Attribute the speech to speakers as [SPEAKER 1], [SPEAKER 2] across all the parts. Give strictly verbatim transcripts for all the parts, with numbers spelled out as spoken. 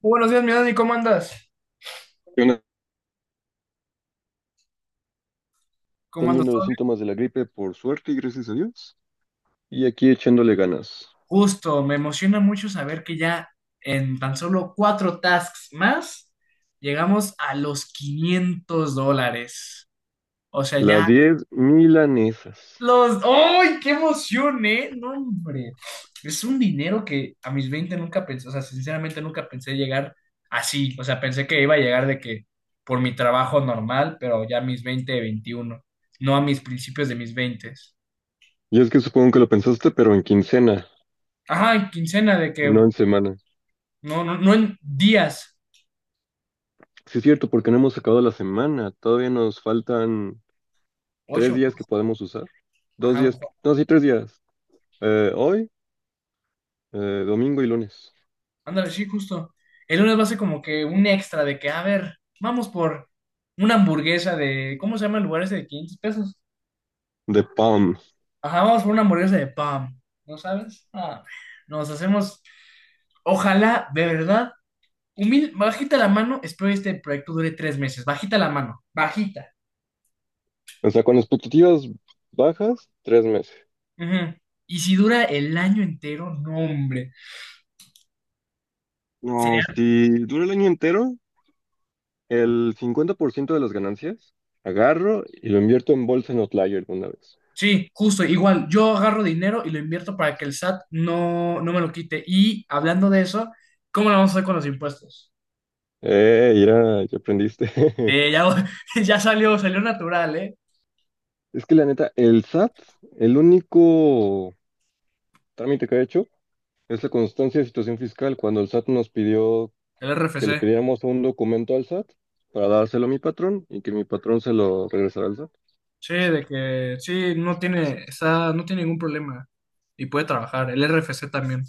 [SPEAKER 1] Buenos días, mi Dani, ¿cómo andas?
[SPEAKER 2] Están
[SPEAKER 1] ¿Cómo andas?
[SPEAKER 2] yendo
[SPEAKER 1] ¿Todo
[SPEAKER 2] los
[SPEAKER 1] bien?
[SPEAKER 2] síntomas de la gripe por suerte y gracias a Dios. Y aquí echándole ganas.
[SPEAKER 1] Justo, me emociona mucho saber que ya en tan solo cuatro tasks más llegamos a los quinientos dólares. O sea,
[SPEAKER 2] Las
[SPEAKER 1] ya
[SPEAKER 2] diez milanesas.
[SPEAKER 1] los... ¡Ay, qué emoción, eh! No, hombre. Es un dinero que a mis veinte nunca pensé, o sea, sinceramente nunca pensé llegar así. O sea, pensé que iba a llegar de que por mi trabajo normal, pero ya a mis veinte, veintiuno. No a mis principios de mis veinte.
[SPEAKER 2] Y es que supongo que lo pensaste, pero en quincena,
[SPEAKER 1] Ajá, en quincena de
[SPEAKER 2] no
[SPEAKER 1] que
[SPEAKER 2] en semana.
[SPEAKER 1] no, no, no en días.
[SPEAKER 2] Sí es cierto, porque no hemos acabado la semana. Todavía nos faltan tres
[SPEAKER 1] Ocho.
[SPEAKER 2] días que podemos usar. Dos
[SPEAKER 1] Ajá.
[SPEAKER 2] días, que- no, sí, tres días. Eh, hoy, eh, domingo y lunes.
[SPEAKER 1] Ándale, sí, justo. El lunes va a ser como que un extra de que, a ver, vamos por una hamburguesa de, ¿cómo se llama el lugar ese de quinientos pesos?
[SPEAKER 2] De PAM.
[SPEAKER 1] Ajá, vamos por una hamburguesa de pan. ¿No sabes? Ah, nos hacemos, ojalá, de verdad, humilde, bajita la mano, espero que este proyecto dure tres meses. Bajita la mano, bajita.
[SPEAKER 2] O sea, con expectativas bajas, tres meses.
[SPEAKER 1] Ujú. Y si dura el año entero, no, hombre.
[SPEAKER 2] No, si dura el año entero, el cincuenta por ciento de las ganancias agarro y lo invierto en bolsa en Outlier una vez.
[SPEAKER 1] Sí, justo, igual, yo agarro dinero y lo invierto para que el S A T no, no me lo quite. Y hablando de eso, ¿cómo lo vamos a hacer con los impuestos?
[SPEAKER 2] Eh, mira, ya aprendiste.
[SPEAKER 1] Eh, ya, ya salió, salió natural, ¿eh?
[SPEAKER 2] Es que la neta, el SAT, el único trámite que ha hecho es la constancia de situación fiscal. Cuando el SAT nos pidió
[SPEAKER 1] El
[SPEAKER 2] que le
[SPEAKER 1] R F C.
[SPEAKER 2] pidiéramos un documento al SAT para dárselo a mi patrón y que mi patrón se lo regresara al SAT.
[SPEAKER 1] Sí, de que sí, no tiene, está, no tiene ningún problema y puede trabajar. El R F C también.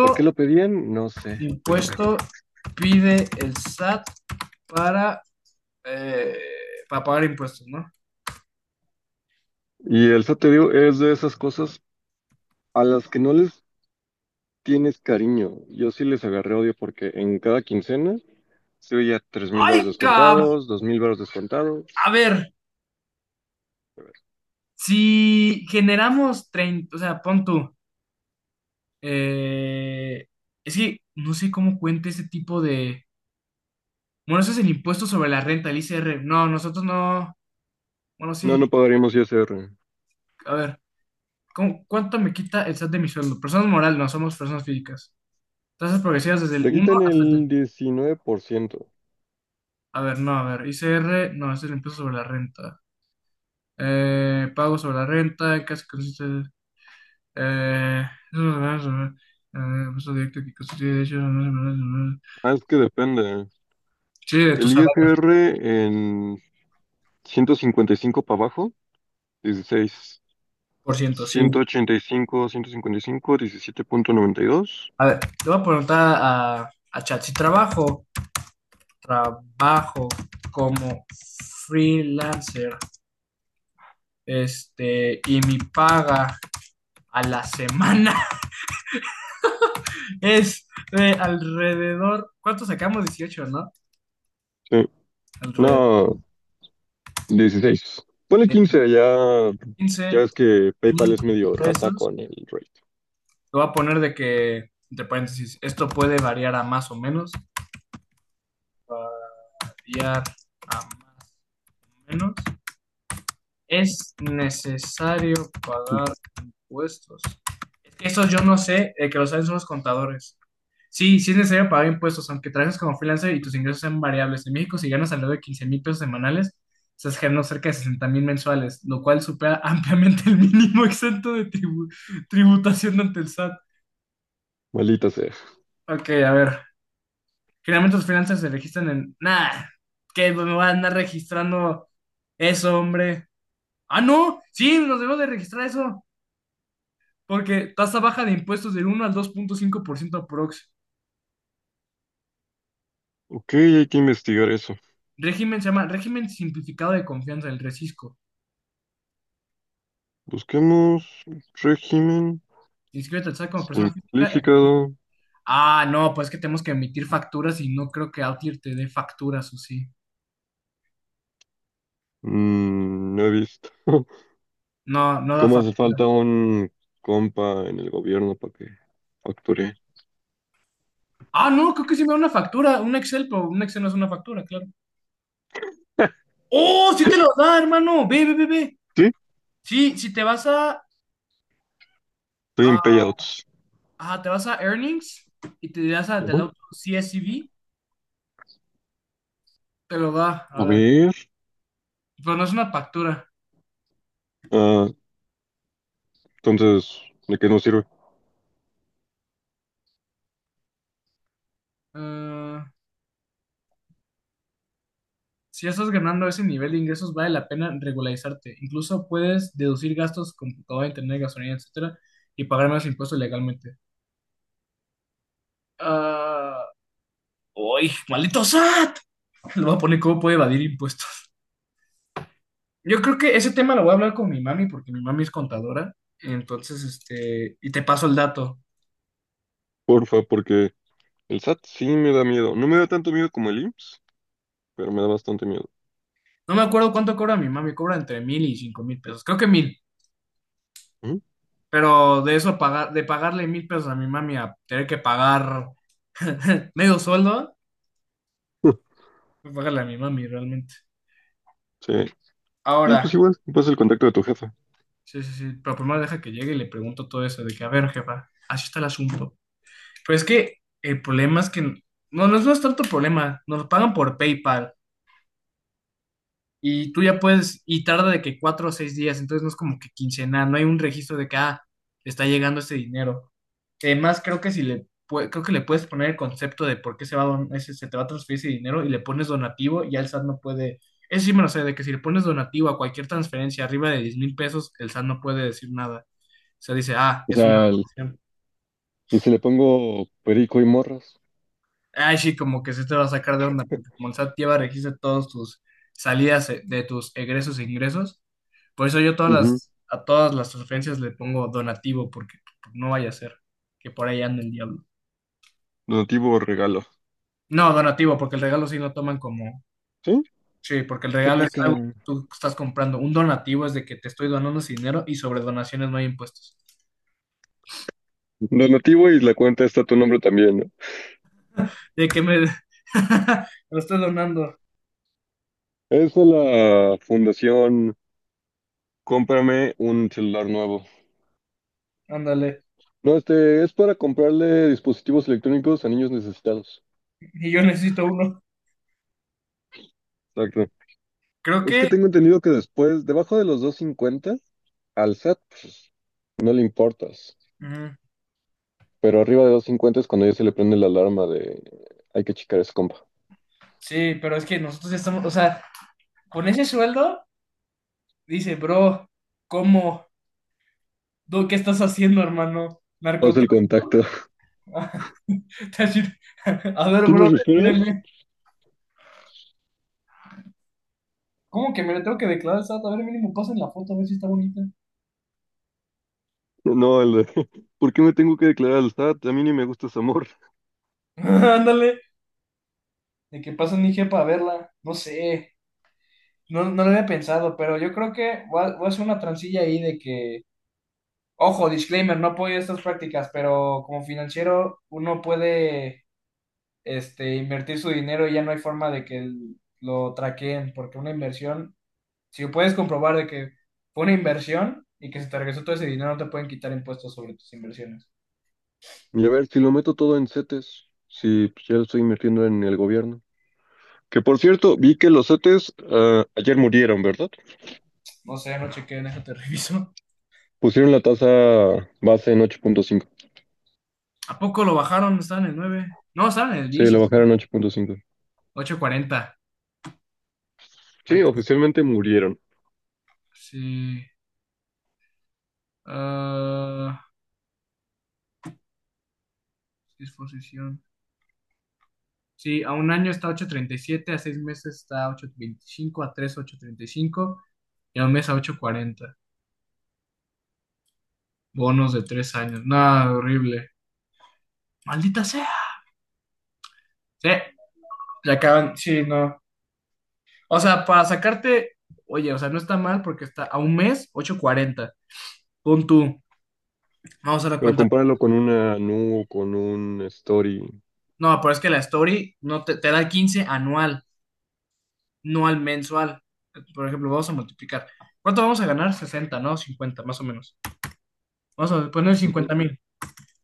[SPEAKER 2] ¿Por qué lo pedían? No sé, pero...
[SPEAKER 1] impuesto pide el S A T para, eh, para pagar impuestos, no?
[SPEAKER 2] Y el SAT, te digo, es de esas cosas a las que no les tienes cariño. Yo sí les agarré odio porque en cada quincena estoy ya tres mil baros
[SPEAKER 1] ¡Ay, cab!
[SPEAKER 2] descontados, dos mil baros descontados.
[SPEAKER 1] A ver, si generamos treinta, o sea, pon tú, eh, es que no sé cómo cuenta ese tipo de... Bueno, eso es el impuesto sobre la renta, el I C R. No, nosotros no... Bueno,
[SPEAKER 2] No,
[SPEAKER 1] sí,
[SPEAKER 2] no pagaríamos I S R.
[SPEAKER 1] a ver, ¿cómo- ¿cuánto me quita el S A T de mi sueldo? Personas morales, no, somos personas físicas. Tasas progresivas desde el
[SPEAKER 2] Te
[SPEAKER 1] uno
[SPEAKER 2] quitan
[SPEAKER 1] hasta... el tre-
[SPEAKER 2] el diecinueve por ciento.
[SPEAKER 1] A ver, no, a ver, I C R, no, es el impuesto sobre la renta. Eh, pago sobre la renta, casi consiste... Eh, eh, impuesto directo que constituye derechos... no, no, no, no, no, no.
[SPEAKER 2] Ah, es que depende.
[SPEAKER 1] Sí, de tu
[SPEAKER 2] El
[SPEAKER 1] salario,
[SPEAKER 2] I S R en ciento cincuenta y cinco para abajo, dieciséis,
[SPEAKER 1] por ciento,
[SPEAKER 2] ciento ciento
[SPEAKER 1] sí.
[SPEAKER 2] ochenta y y cinco cinco cincuenta dieciséis. ciento ochenta y cinco, ciento cincuenta y cinco, diecisiete punto noventa y dos.
[SPEAKER 1] A ver, le voy a preguntar a, a, Chat, si trabajo, trabajo como freelancer, este, y mi paga a la semana es de alrededor, ¿cuánto sacamos? Dieciocho, ¿no?
[SPEAKER 2] Sí.
[SPEAKER 1] Alrededor
[SPEAKER 2] No, dieciséis. Ponle
[SPEAKER 1] de
[SPEAKER 2] quince ya, ya
[SPEAKER 1] quince
[SPEAKER 2] ves que PayPal
[SPEAKER 1] mil
[SPEAKER 2] es medio rata
[SPEAKER 1] pesos.
[SPEAKER 2] con el rate.
[SPEAKER 1] Te voy a poner de que, entre paréntesis, esto puede variar a más o menos, variar a más o menos. ¿Es necesario pagar impuestos? Es que eso yo no sé, eh, que lo saben son los contadores. Sí, sí es necesario pagar impuestos, aunque trabajes como freelancer y tus ingresos sean variables. En México, si ganas alrededor de quince mil pesos semanales, estás generando cerca de sesenta mil mensuales, lo cual supera ampliamente el mínimo exento de tribu- tributación ante el S A T.
[SPEAKER 2] Maldita sea.
[SPEAKER 1] Ok, a ver. Generalmente los freelancers se registran en... Nah, que pues me van a andar registrando eso, hombre. Ah, no, sí, nos debemos de registrar eso. Porque tasa baja de impuestos del uno al dos punto cinco por ciento aprox.
[SPEAKER 2] Ok, hay que investigar eso.
[SPEAKER 1] Régimen se llama Régimen Simplificado de Confianza, el RECISCO.
[SPEAKER 2] Busquemos régimen
[SPEAKER 1] Inscríbete al S A T como persona física. en-
[SPEAKER 2] Simplificado,
[SPEAKER 1] Ah, no, pues que tenemos que emitir facturas y no creo que Outlier te dé facturas o sí.
[SPEAKER 2] mm, no he visto.
[SPEAKER 1] No, no da
[SPEAKER 2] ¿Cómo hace
[SPEAKER 1] factura.
[SPEAKER 2] falta un compa en el gobierno para que facture?
[SPEAKER 1] Ah, no, creo que sí me da una factura, un Excel, pero un Excel no es una factura, claro. ¡Oh, sí te lo da, hermano! Ve, ve, ve, ve.
[SPEAKER 2] Sí,
[SPEAKER 1] Sí, si te vas a,
[SPEAKER 2] estoy en
[SPEAKER 1] a,
[SPEAKER 2] payouts.
[SPEAKER 1] ajá, te vas a Earnings y te das a del
[SPEAKER 2] Ujú.
[SPEAKER 1] auto C S V, te lo da. A
[SPEAKER 2] A
[SPEAKER 1] ver,
[SPEAKER 2] ver,
[SPEAKER 1] pero no es una factura.
[SPEAKER 2] ah, entonces, ¿de qué nos sirve?
[SPEAKER 1] Ah, si estás ganando ese nivel de ingresos, vale la pena regularizarte. Incluso puedes deducir gastos, computadora, internet, gasolina, etcétera, y pagar menos impuestos legalmente. Ah, ¡uy! ¡Maldito S A T! Le voy a poner cómo puede evadir impuestos. Yo creo que ese tema lo voy a hablar con mi mami, porque mi mami es contadora. Entonces, este, y te paso el dato.
[SPEAKER 2] Porfa, porque el SAT sí me da miedo. No me da tanto miedo como el IMSS, pero me da bastante miedo.
[SPEAKER 1] No me acuerdo cuánto cobra mi mami, cobra entre mil y cinco mil pesos. Creo que mil.
[SPEAKER 2] Ujú.
[SPEAKER 1] Pero de eso pagar, de pagarle mil pesos a mi mami a tener que pagar medio sueldo. Pues págale a mi mami, realmente.
[SPEAKER 2] Sí, sí, pues
[SPEAKER 1] Ahora,
[SPEAKER 2] igual, me pasa el contacto de tu jefa.
[SPEAKER 1] sí, sí, sí, pero primero deja que llegue y le pregunto todo eso, de que, a ver, jefa, así está el asunto. Pero es que el problema es que, no, no, no es tanto problema, nos pagan por PayPal, y tú ya puedes, y tarda de que cuatro o seis días, entonces no es como que quincenal, no hay un registro de que, ah, le está llegando este dinero. Además, creo que si le, pue- creo que le puedes poner el concepto de por qué se va a don- ese- se te va a transferir ese dinero y le pones donativo, ya el S A T no puede, eso sí me lo sé, de que si le pones donativo a cualquier transferencia arriba de diez mil pesos, el S A T no puede decir nada. O sea, dice, ah,
[SPEAKER 2] O
[SPEAKER 1] es una
[SPEAKER 2] sea, el-
[SPEAKER 1] donación.
[SPEAKER 2] y si le pongo perico y morras.
[SPEAKER 1] Ay, sí, como que se te va a sacar de onda, porque como el S A T lleva registro de todos tus salidas, eh, de tus egresos e ingresos. Por eso yo todas
[SPEAKER 2] Ujú.
[SPEAKER 1] las, a todas las sugerencias le pongo donativo, porque no vaya a ser que por ahí ande el diablo.
[SPEAKER 2] Donativo o regalo.
[SPEAKER 1] No, donativo, porque el regalo sí lo toman como,
[SPEAKER 2] ¿Sí?
[SPEAKER 1] sí, porque el
[SPEAKER 2] Qué
[SPEAKER 1] regalo es algo que
[SPEAKER 2] poca.
[SPEAKER 1] tú estás comprando. Un donativo es de que te estoy donando ese dinero y sobre donaciones no hay impuestos.
[SPEAKER 2] Donativo y la cuenta está a tu nombre también, ¿no?
[SPEAKER 1] De que me, me lo estoy donando,
[SPEAKER 2] Es de la fundación Cómprame un celular nuevo.
[SPEAKER 1] ándale,
[SPEAKER 2] No, este es para comprarle dispositivos electrónicos a niños necesitados.
[SPEAKER 1] y yo necesito uno.
[SPEAKER 2] Exacto.
[SPEAKER 1] Creo
[SPEAKER 2] Es que
[SPEAKER 1] que,
[SPEAKER 2] tengo entendido que después, debajo de los doscientos cincuenta, al SAT pues, no le importas.
[SPEAKER 1] mm,
[SPEAKER 2] Pero arriba de doscientos cincuenta es cuando ya se le prende la alarma de hay que checar ese compa.
[SPEAKER 1] sí, pero es que nosotros ya estamos, o sea, con ese sueldo, dice, bro, ¿cómo? ¿Tú qué estás haciendo, hermano?
[SPEAKER 2] Haz el
[SPEAKER 1] ¿Narcotráfico?
[SPEAKER 2] contacto.
[SPEAKER 1] A ver, bro,
[SPEAKER 2] ¿Tienes refereos?
[SPEAKER 1] espérenme. ¿Cómo que me lo tengo que declarar al S A T? A ver, mínimo, pasen la foto, a ver si está bonita.
[SPEAKER 2] No, el de ¿por qué me tengo que declarar al SAT? A mí ni me gusta ese amor.
[SPEAKER 1] Ándale. De que pasen I G para verla. No sé. No, no lo había pensado, pero yo creo que voy a, voy a hacer una transilla ahí de que. Ojo, disclaimer, no apoyo estas prácticas, pero como financiero uno puede, este, invertir su dinero y ya no hay forma de que el- lo traqueen, porque una inversión, si puedes comprobar de que fue una inversión y que se te regresó todo ese dinero, no te pueden quitar impuestos sobre tus inversiones.
[SPEAKER 2] Y a ver, si lo meto todo en CETES, si pues, ya lo estoy invirtiendo en el gobierno. Que por cierto, vi que los CETES ah, ayer murieron, ¿verdad?
[SPEAKER 1] No sé, no chequé, déjate reviso.
[SPEAKER 2] Pusieron la tasa base en ocho punto cinco.
[SPEAKER 1] ¿A poco lo bajaron? Estaban en el nueve. No, estaban en el
[SPEAKER 2] Sí,
[SPEAKER 1] diez
[SPEAKER 2] la bajaron a ocho punto cinco.
[SPEAKER 1] ocho cuarenta. Al
[SPEAKER 2] Sí,
[SPEAKER 1] tres.
[SPEAKER 2] oficialmente murieron.
[SPEAKER 1] Sí. Ah, sí, sí, a un año está ocho treinta y siete, a seis meses está ocho veinticinco, a tres ocho treinta y cinco, y a un mes a ocho cuarenta. Bonos de tres años. Nada horrible. Maldita sea. Sí, ya acaban. Sí, no. O sea, para sacarte. Oye, o sea, no está mal porque está a un mes ocho cuarenta. Pon tú. Vamos a la
[SPEAKER 2] Pero
[SPEAKER 1] cuenta.
[SPEAKER 2] compáralo con una Nu, con un Story,
[SPEAKER 1] No, pero es que la story no te, te da quince anual, no al mensual. Por ejemplo, vamos a multiplicar. ¿Cuánto vamos a ganar? Sesenta, ¿no? Cincuenta, más o menos. Vamos a poner
[SPEAKER 2] ujú,
[SPEAKER 1] cincuenta mil.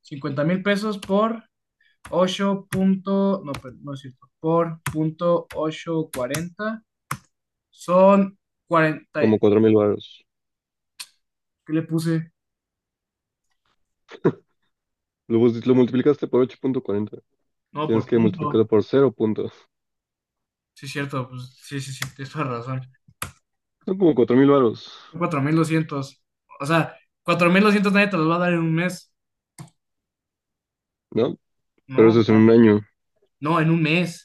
[SPEAKER 1] Cincuenta mil pesos por ocho punto, no, pues, no es cierto, por punto ocho cuarenta. Son cuarenta y-
[SPEAKER 2] como cuatro mil varos.
[SPEAKER 1] ¿qué le puse?
[SPEAKER 2] Lo, bus- lo multiplicaste por ocho punto cuarenta.
[SPEAKER 1] No, por
[SPEAKER 2] Tienes que
[SPEAKER 1] punto.
[SPEAKER 2] multiplicarlo por cero punto.
[SPEAKER 1] Sí, es cierto, pues sí, sí, sí, tienes toda la razón.
[SPEAKER 2] Son como cuatro mil varos,
[SPEAKER 1] Son cuatro mil doscientos. O sea, cuatro mil doscientos nadie te los va a dar en un mes.
[SPEAKER 2] ¿no? Pero
[SPEAKER 1] No,
[SPEAKER 2] eso es en un año,
[SPEAKER 1] no, en un mes.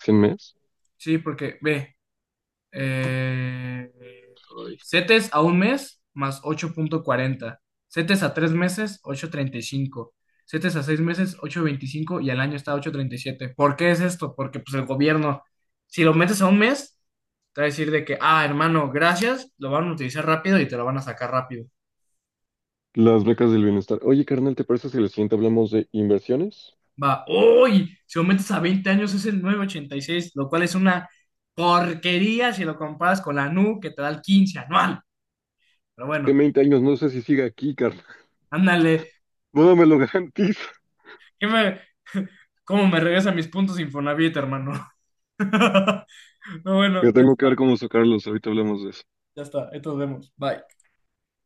[SPEAKER 2] cien meses.
[SPEAKER 1] Sí, porque ve, eh, uy, CETES a un mes más ocho punto cuarenta, CETES a tres meses ocho punto treinta y cinco, CETES a seis meses ocho punto veinticinco, y al año está ocho punto treinta y siete. ¿Por qué es esto? Porque pues el gobierno, si lo metes a un mes, te va a decir de que, ah, hermano, gracias, lo van a utilizar rápido y te lo van a sacar rápido.
[SPEAKER 2] Las becas del bienestar. Oye, carnal, ¿te parece si la siguiente hablamos de inversiones?
[SPEAKER 1] Va, uy, si lo metes a veinte años es el nueve punto ochenta y seis, lo cual es una porquería si lo comparas con la NU que te da el quince anual. Pero
[SPEAKER 2] Que en
[SPEAKER 1] bueno,
[SPEAKER 2] veinte años no sé si siga aquí, carnal.
[SPEAKER 1] ándale,
[SPEAKER 2] No me lo garantizo.
[SPEAKER 1] ¿qué me, cómo me regresa mis puntos Infonavit, hermano? No,
[SPEAKER 2] Yo
[SPEAKER 1] bueno, ya
[SPEAKER 2] tengo que
[SPEAKER 1] está,
[SPEAKER 2] ver cómo sacarlos. Ahorita hablamos de eso.
[SPEAKER 1] ya está. Entonces vemos. Bye.